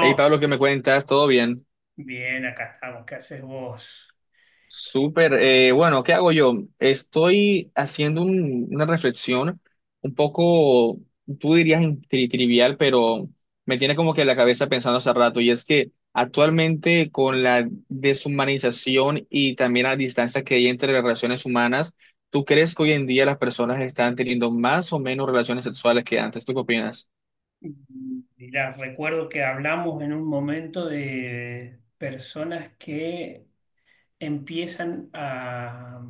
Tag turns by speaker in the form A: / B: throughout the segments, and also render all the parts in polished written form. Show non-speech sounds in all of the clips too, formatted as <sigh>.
A: Hey Pablo, ¿qué me cuentas? ¿Todo bien?
B: bien, acá estamos. ¿Qué haces vos?
A: Súper. Bueno, ¿Qué hago yo? Estoy haciendo una reflexión un poco, tú dirías trivial, pero me tiene como que la cabeza pensando hace rato, y es que actualmente, con la deshumanización y también la distancia que hay entre las relaciones humanas, ¿tú crees que hoy en día las personas están teniendo más o menos relaciones sexuales que antes? ¿Tú qué opinas?
B: Mirá, recuerdo que hablamos en un momento de personas que empiezan a,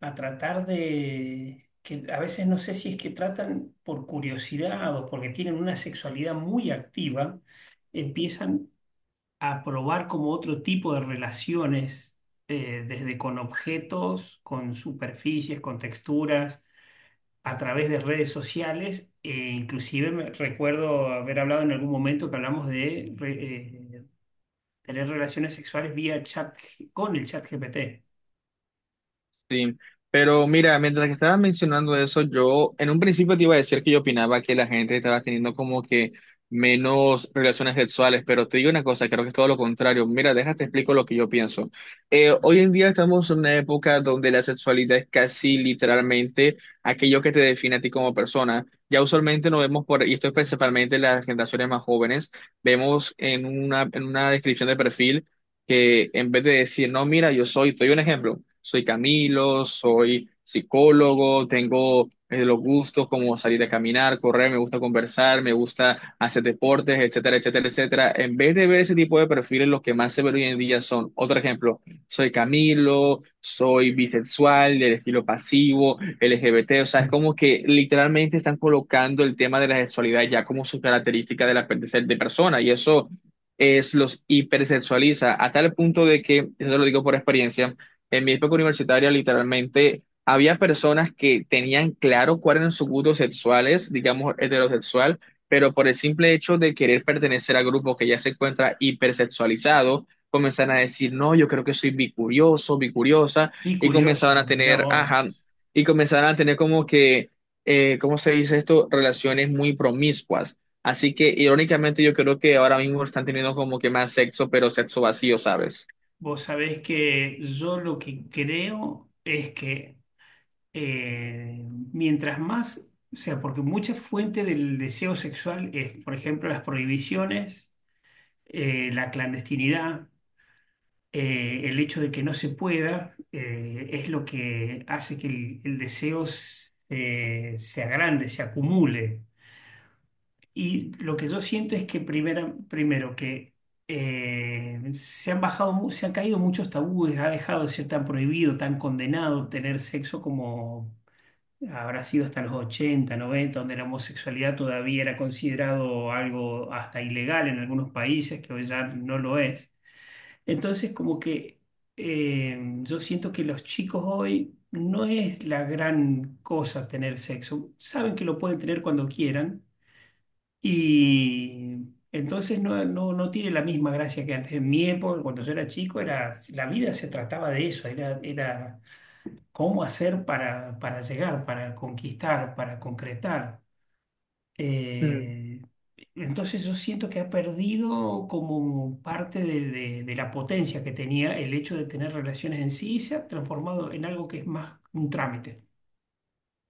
B: a tratar de, que a veces no sé si es que tratan por curiosidad o porque tienen una sexualidad muy activa, empiezan a probar como otro tipo de relaciones, desde con objetos, con superficies, con texturas, a través de redes sociales, e inclusive recuerdo haber hablado en algún momento que hablamos de tener relaciones sexuales vía con el chat GPT.
A: Sí, pero mira, mientras que estabas mencionando eso, yo en un principio te iba a decir que yo opinaba que la gente estaba teniendo como que menos relaciones sexuales, pero te digo una cosa, creo que es todo lo contrario. Mira, déjate explico lo que yo pienso. Hoy en día estamos en una época donde la sexualidad es casi literalmente aquello que te define a ti como persona. Ya usualmente nos vemos por, y esto es principalmente las generaciones más jóvenes, vemos en una descripción de perfil que en vez de decir, no, mira, yo soy, te doy un ejemplo, soy Camilo, soy psicólogo, tengo los gustos como salir a caminar, correr, me gusta conversar, me gusta hacer deportes, etcétera, etcétera, etcétera. En vez de ver ese tipo de perfiles, los que más se ven hoy en día son, otro ejemplo, soy Camilo, soy bisexual, del estilo pasivo, LGBT, o sea, es como que literalmente están colocando el tema de la sexualidad ya como su característica de la de ser- de persona, y eso es, los hipersexualiza a tal punto de que, eso te lo digo por experiencia, en mi época universitaria literalmente había personas que tenían claro cuáles eran sus gustos sexuales, digamos heterosexual, pero por el simple hecho de querer pertenecer al grupo que ya se encuentra hipersexualizado, comenzaban a decir, no, yo creo que soy bicurioso, bicuriosa,
B: Y
A: y comenzaban
B: curioso,
A: a
B: mirá
A: tener, ajá,
B: vos.
A: y comenzaban a tener como que, ¿cómo se dice esto? Relaciones muy promiscuas. Así que irónicamente yo creo que ahora mismo están teniendo como que más sexo, pero sexo vacío, ¿sabes?
B: Vos sabés que yo lo que creo es que eh, mientras más, o sea, porque mucha fuente del deseo sexual es, por ejemplo, las prohibiciones, la clandestinidad. El hecho de que no se pueda es lo que hace que el deseo se agrande, se acumule. Y lo que yo siento es que primero que se han se han caído muchos tabúes, ha dejado de ser tan prohibido, tan condenado tener sexo como habrá sido hasta los 80-90, donde la homosexualidad todavía era considerado algo hasta ilegal en algunos países, que hoy ya no lo es. Entonces, como que yo siento que los chicos hoy no es la gran cosa tener sexo. Saben que lo pueden tener cuando quieran y entonces no tiene la misma gracia que antes. En mi época, cuando yo era chico, era, la vida se trataba de eso, era, era cómo hacer para llegar, para conquistar, para concretar.
A: Mm.
B: Eh, entonces yo siento que ha perdido como parte de la potencia que tenía el hecho de tener relaciones en sí, y se ha transformado en algo que es más un trámite.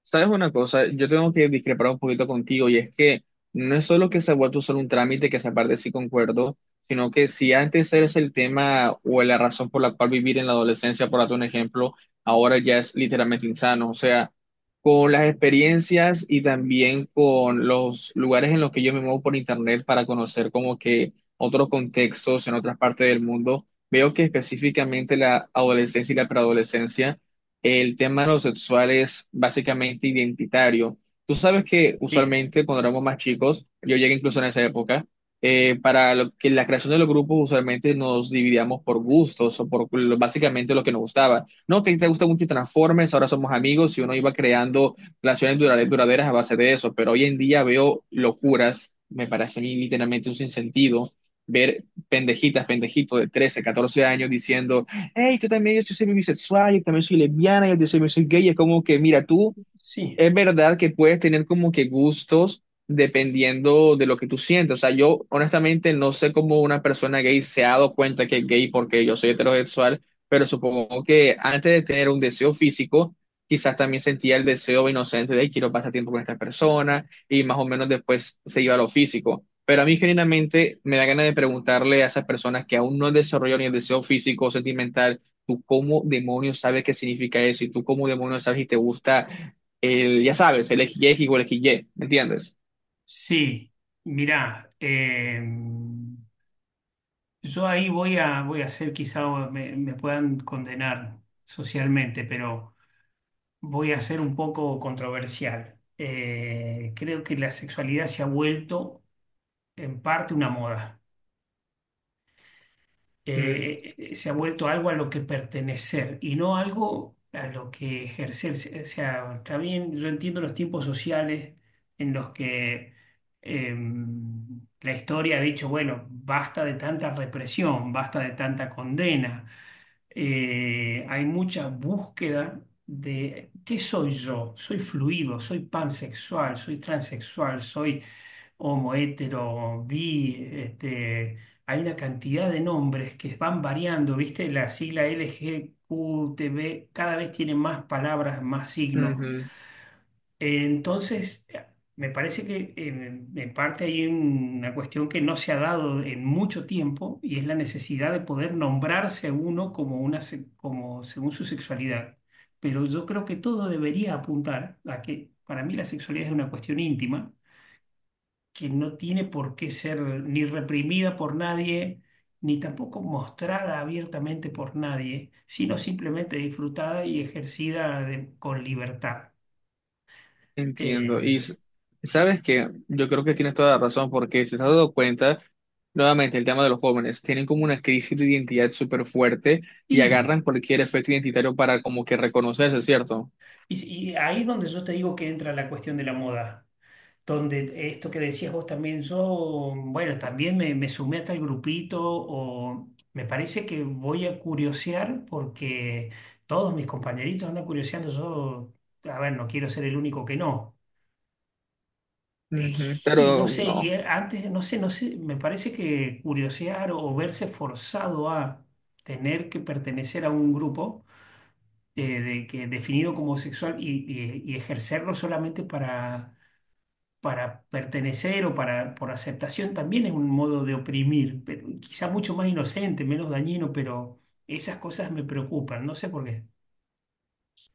A: ¿Sabes una cosa? Yo tengo que discrepar un poquito contigo, y es que no es solo que se ha vuelto solo un trámite, que se parte sí concuerdo, sino que si antes eres el tema o la razón por la cual vivir en la adolescencia, por darte un ejemplo, ahora ya es literalmente insano. O sea, con las experiencias y también con los lugares en los que yo me muevo por internet para conocer como que otros contextos en otras partes del mundo, veo que específicamente la adolescencia y la preadolescencia, el tema de lo sexual es básicamente identitario. Tú sabes que
B: Sí,
A: usualmente cuando éramos más chicos, yo llegué incluso en esa época, para lo que la creación de los grupos usualmente nos dividíamos por gustos básicamente lo que nos gustaba. No, que te gusta mucho Transformers, ahora somos amigos, y uno iba creando relaciones duraderas a base de eso, pero hoy en día veo locuras, me parece a mí literalmente un sinsentido, ver pendejitas, pendejitos de 13, 14 años diciendo hey, tú también, yo sí soy bisexual, yo también soy lesbiana, yo también soy, soy gay, es como que, mira, tú,
B: sí,
A: es verdad que puedes tener como que gustos dependiendo de lo que tú sientes. O sea, yo honestamente no sé cómo una persona gay se ha dado cuenta que es gay porque yo soy heterosexual, pero supongo que antes de tener un deseo físico, quizás también sentía el deseo inocente de quiero pasar tiempo con esta persona, y más o menos después se iba a lo físico. Pero a mí genuinamente me da ganas de preguntarle a esas personas que aún no han desarrollado ni el deseo físico o sentimental, ¿tú cómo demonios sabes qué significa eso? ¿Y tú cómo demonios sabes si te gusta el, ya sabes, el x y igual a XY, ¿me entiendes?
B: sí. Mirá, yo ahí voy a, voy a hacer, quizá me puedan condenar socialmente, pero voy a ser un poco controversial. Creo que la sexualidad se ha vuelto en parte una moda.
A: Mm,
B: Se ha vuelto algo a lo que pertenecer y no algo a lo que ejercer. O sea, está bien, yo entiendo los tiempos sociales en los que la historia ha dicho, bueno, basta de tanta represión, basta de tanta condena. Hay mucha búsqueda de qué soy yo, soy fluido, soy pansexual, soy transexual, soy homo, hetero, bi, este, hay una cantidad de nombres que van variando, ¿viste? La sigla LGQTB cada vez tiene más palabras, más signos.
A: ujú,
B: Entonces, me parece que en parte hay una cuestión que no se ha dado en mucho tiempo, y es la necesidad de poder nombrarse a uno como una, como según su sexualidad. Pero yo creo que todo debería apuntar a que para mí la sexualidad es una cuestión íntima, que no tiene por qué ser ni reprimida por nadie, ni tampoco mostrada abiertamente por nadie, sino simplemente disfrutada y con libertad.
A: entiendo.
B: Eh,
A: Sabes que yo creo que tienes toda la razón, porque si te has dado cuenta, nuevamente el tema de los jóvenes, tienen como una crisis de identidad súper fuerte, y
B: y,
A: agarran cualquier efecto identitario para como que reconocerse, ¿cierto?
B: y ahí es donde yo te digo que entra la cuestión de la moda. Donde esto que decías vos también, yo, bueno, también me sumé a tal grupito, o me parece que voy a curiosear porque todos mis compañeritos andan curioseando. Yo, a ver, no quiero ser el único que no.
A: Ujú.
B: Y no
A: Pero
B: sé, y
A: no.
B: antes, no sé, no sé, me parece que curiosear o verse forzado a tener que pertenecer a un grupo que definido como sexual y, y ejercerlo solamente para pertenecer o para, por aceptación, también es un modo de oprimir, pero quizá mucho más inocente, menos dañino, pero esas cosas me preocupan, no sé por qué.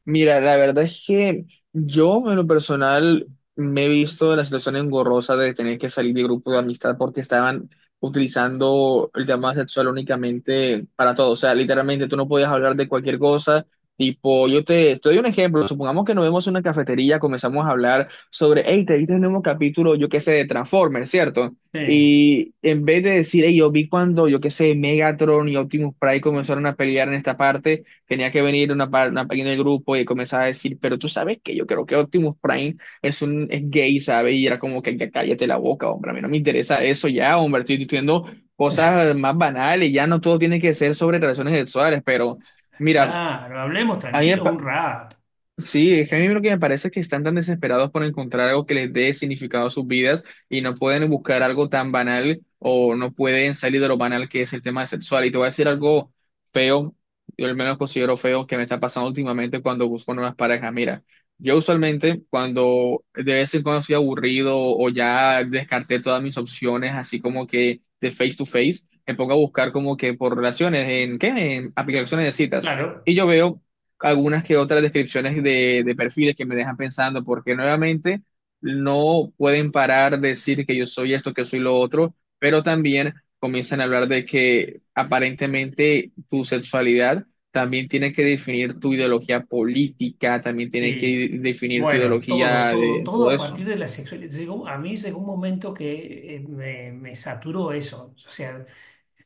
A: Mira, la verdad es que yo en lo personal me he visto en la situación engorrosa de tener que salir de grupo de amistad porque estaban utilizando el tema sexual únicamente para todo. O sea, literalmente tú no podías hablar de cualquier cosa. Tipo, yo te doy un ejemplo. Supongamos que nos vemos en una cafetería, comenzamos a hablar sobre, hey, te viste el nuevo capítulo, yo qué sé, de Transformers, ¿cierto?
B: Sí.
A: Y en vez de decir, hey, yo vi cuando, yo qué sé, Megatron y Optimus Prime comenzaron a pelear en esta parte. Tenía que venir una pequeña del grupo y comenzar a decir, pero tú sabes que yo creo que Optimus Prime es un es gay, ¿sabes? Y era como que ya cállate la boca, hombre, a mí no me interesa eso ya, hombre, estoy diciendo
B: <laughs>
A: cosas más banales, ya no todo tiene que ser sobre relaciones sexuales, pero mira,
B: Claro, hablemos
A: a mí me
B: tranquilos un rato.
A: Sí, es que a mí lo que me parece es que están tan desesperados por encontrar algo que les dé significado a sus vidas, y no pueden buscar algo tan banal, o no pueden salir de lo banal que es el tema sexual. Y te voy a decir algo feo, yo al menos considero feo que me está pasando últimamente cuando busco nuevas parejas. Mira, yo usualmente cuando de vez en cuando estoy aburrido o ya descarté todas mis opciones, así como que de face to face, me pongo a buscar como que por relaciones, ¿en qué? En aplicaciones de citas.
B: Claro.
A: Y yo veo algunas que otras descripciones de perfiles que me dejan pensando, porque nuevamente no pueden parar de decir que yo soy esto, que soy lo otro, pero también comienzan a hablar de que aparentemente tu sexualidad también tiene que definir tu ideología política, también tiene que
B: Sí,
A: definir tu
B: bueno, todo,
A: ideología
B: todo,
A: de
B: todo
A: todo
B: a partir
A: eso.
B: de la sexualidad. Llegó- a mí llegó un momento que me saturó eso. O sea,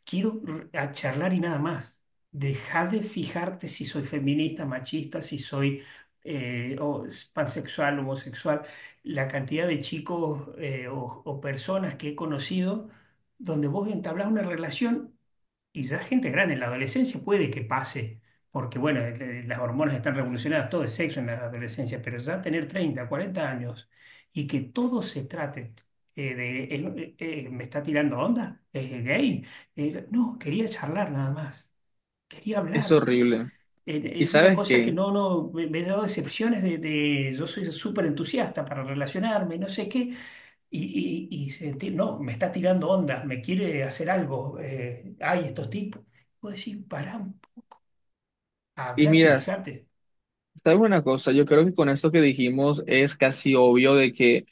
B: quiero a charlar y nada más. Deja de fijarte si soy feminista, machista, si soy pansexual, homosexual. La cantidad de chicos o personas que he conocido donde vos entablás una relación. Y ya gente grande, en la adolescencia puede que pase, porque bueno, las hormonas están revolucionadas, todo es sexo en la adolescencia, pero ya tener 30-40 años y que todo se trate me está tirando onda, es gay. No, quería charlar nada más, quería
A: Es
B: hablar.
A: horrible. ¿Y
B: Es una
A: sabes
B: cosa que
A: qué?
B: no, no, me he dado decepciones yo soy súper entusiasta para relacionarme, no sé qué, y sentir no, me está tirando onda, me quiere hacer algo, hay estos tipos. Puedo decir, pará,
A: Y
B: habla
A: miras,
B: fíjate.
A: sabes una cosa, yo creo que con esto que dijimos es casi obvio de que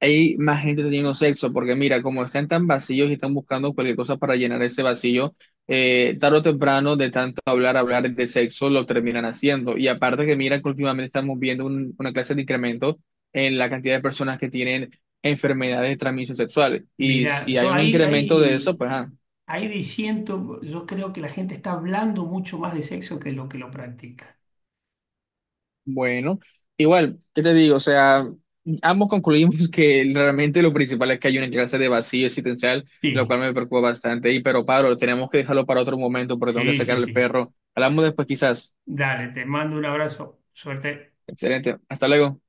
A: hay más gente teniendo sexo, porque mira, como están tan vacíos y están buscando cualquier cosa para llenar ese vacío, tarde o temprano, de tanto hablar, hablar de sexo, lo terminan haciendo. Y aparte que mira que últimamente estamos viendo una clase de incremento en la cantidad de personas que tienen enfermedades de transmisión sexual. Y
B: Mira,
A: si hay
B: yo
A: un
B: ahí,
A: incremento de eso,
B: ahí,
A: pues ah,
B: ahí diciendo, yo creo que la gente está hablando mucho más de sexo que lo practica.
A: bueno, igual, ¿qué te digo? O sea, ambos concluimos <laughs> que realmente lo principal es que hay una clase de vacío existencial, lo
B: Sí,
A: cual me preocupa bastante. Y pero Pablo, tenemos que dejarlo para otro momento porque tengo que
B: sí, sí,
A: sacar al
B: sí.
A: perro. Hablamos después quizás.
B: Dale, te mando un abrazo. Suerte.
A: Excelente. Hasta luego.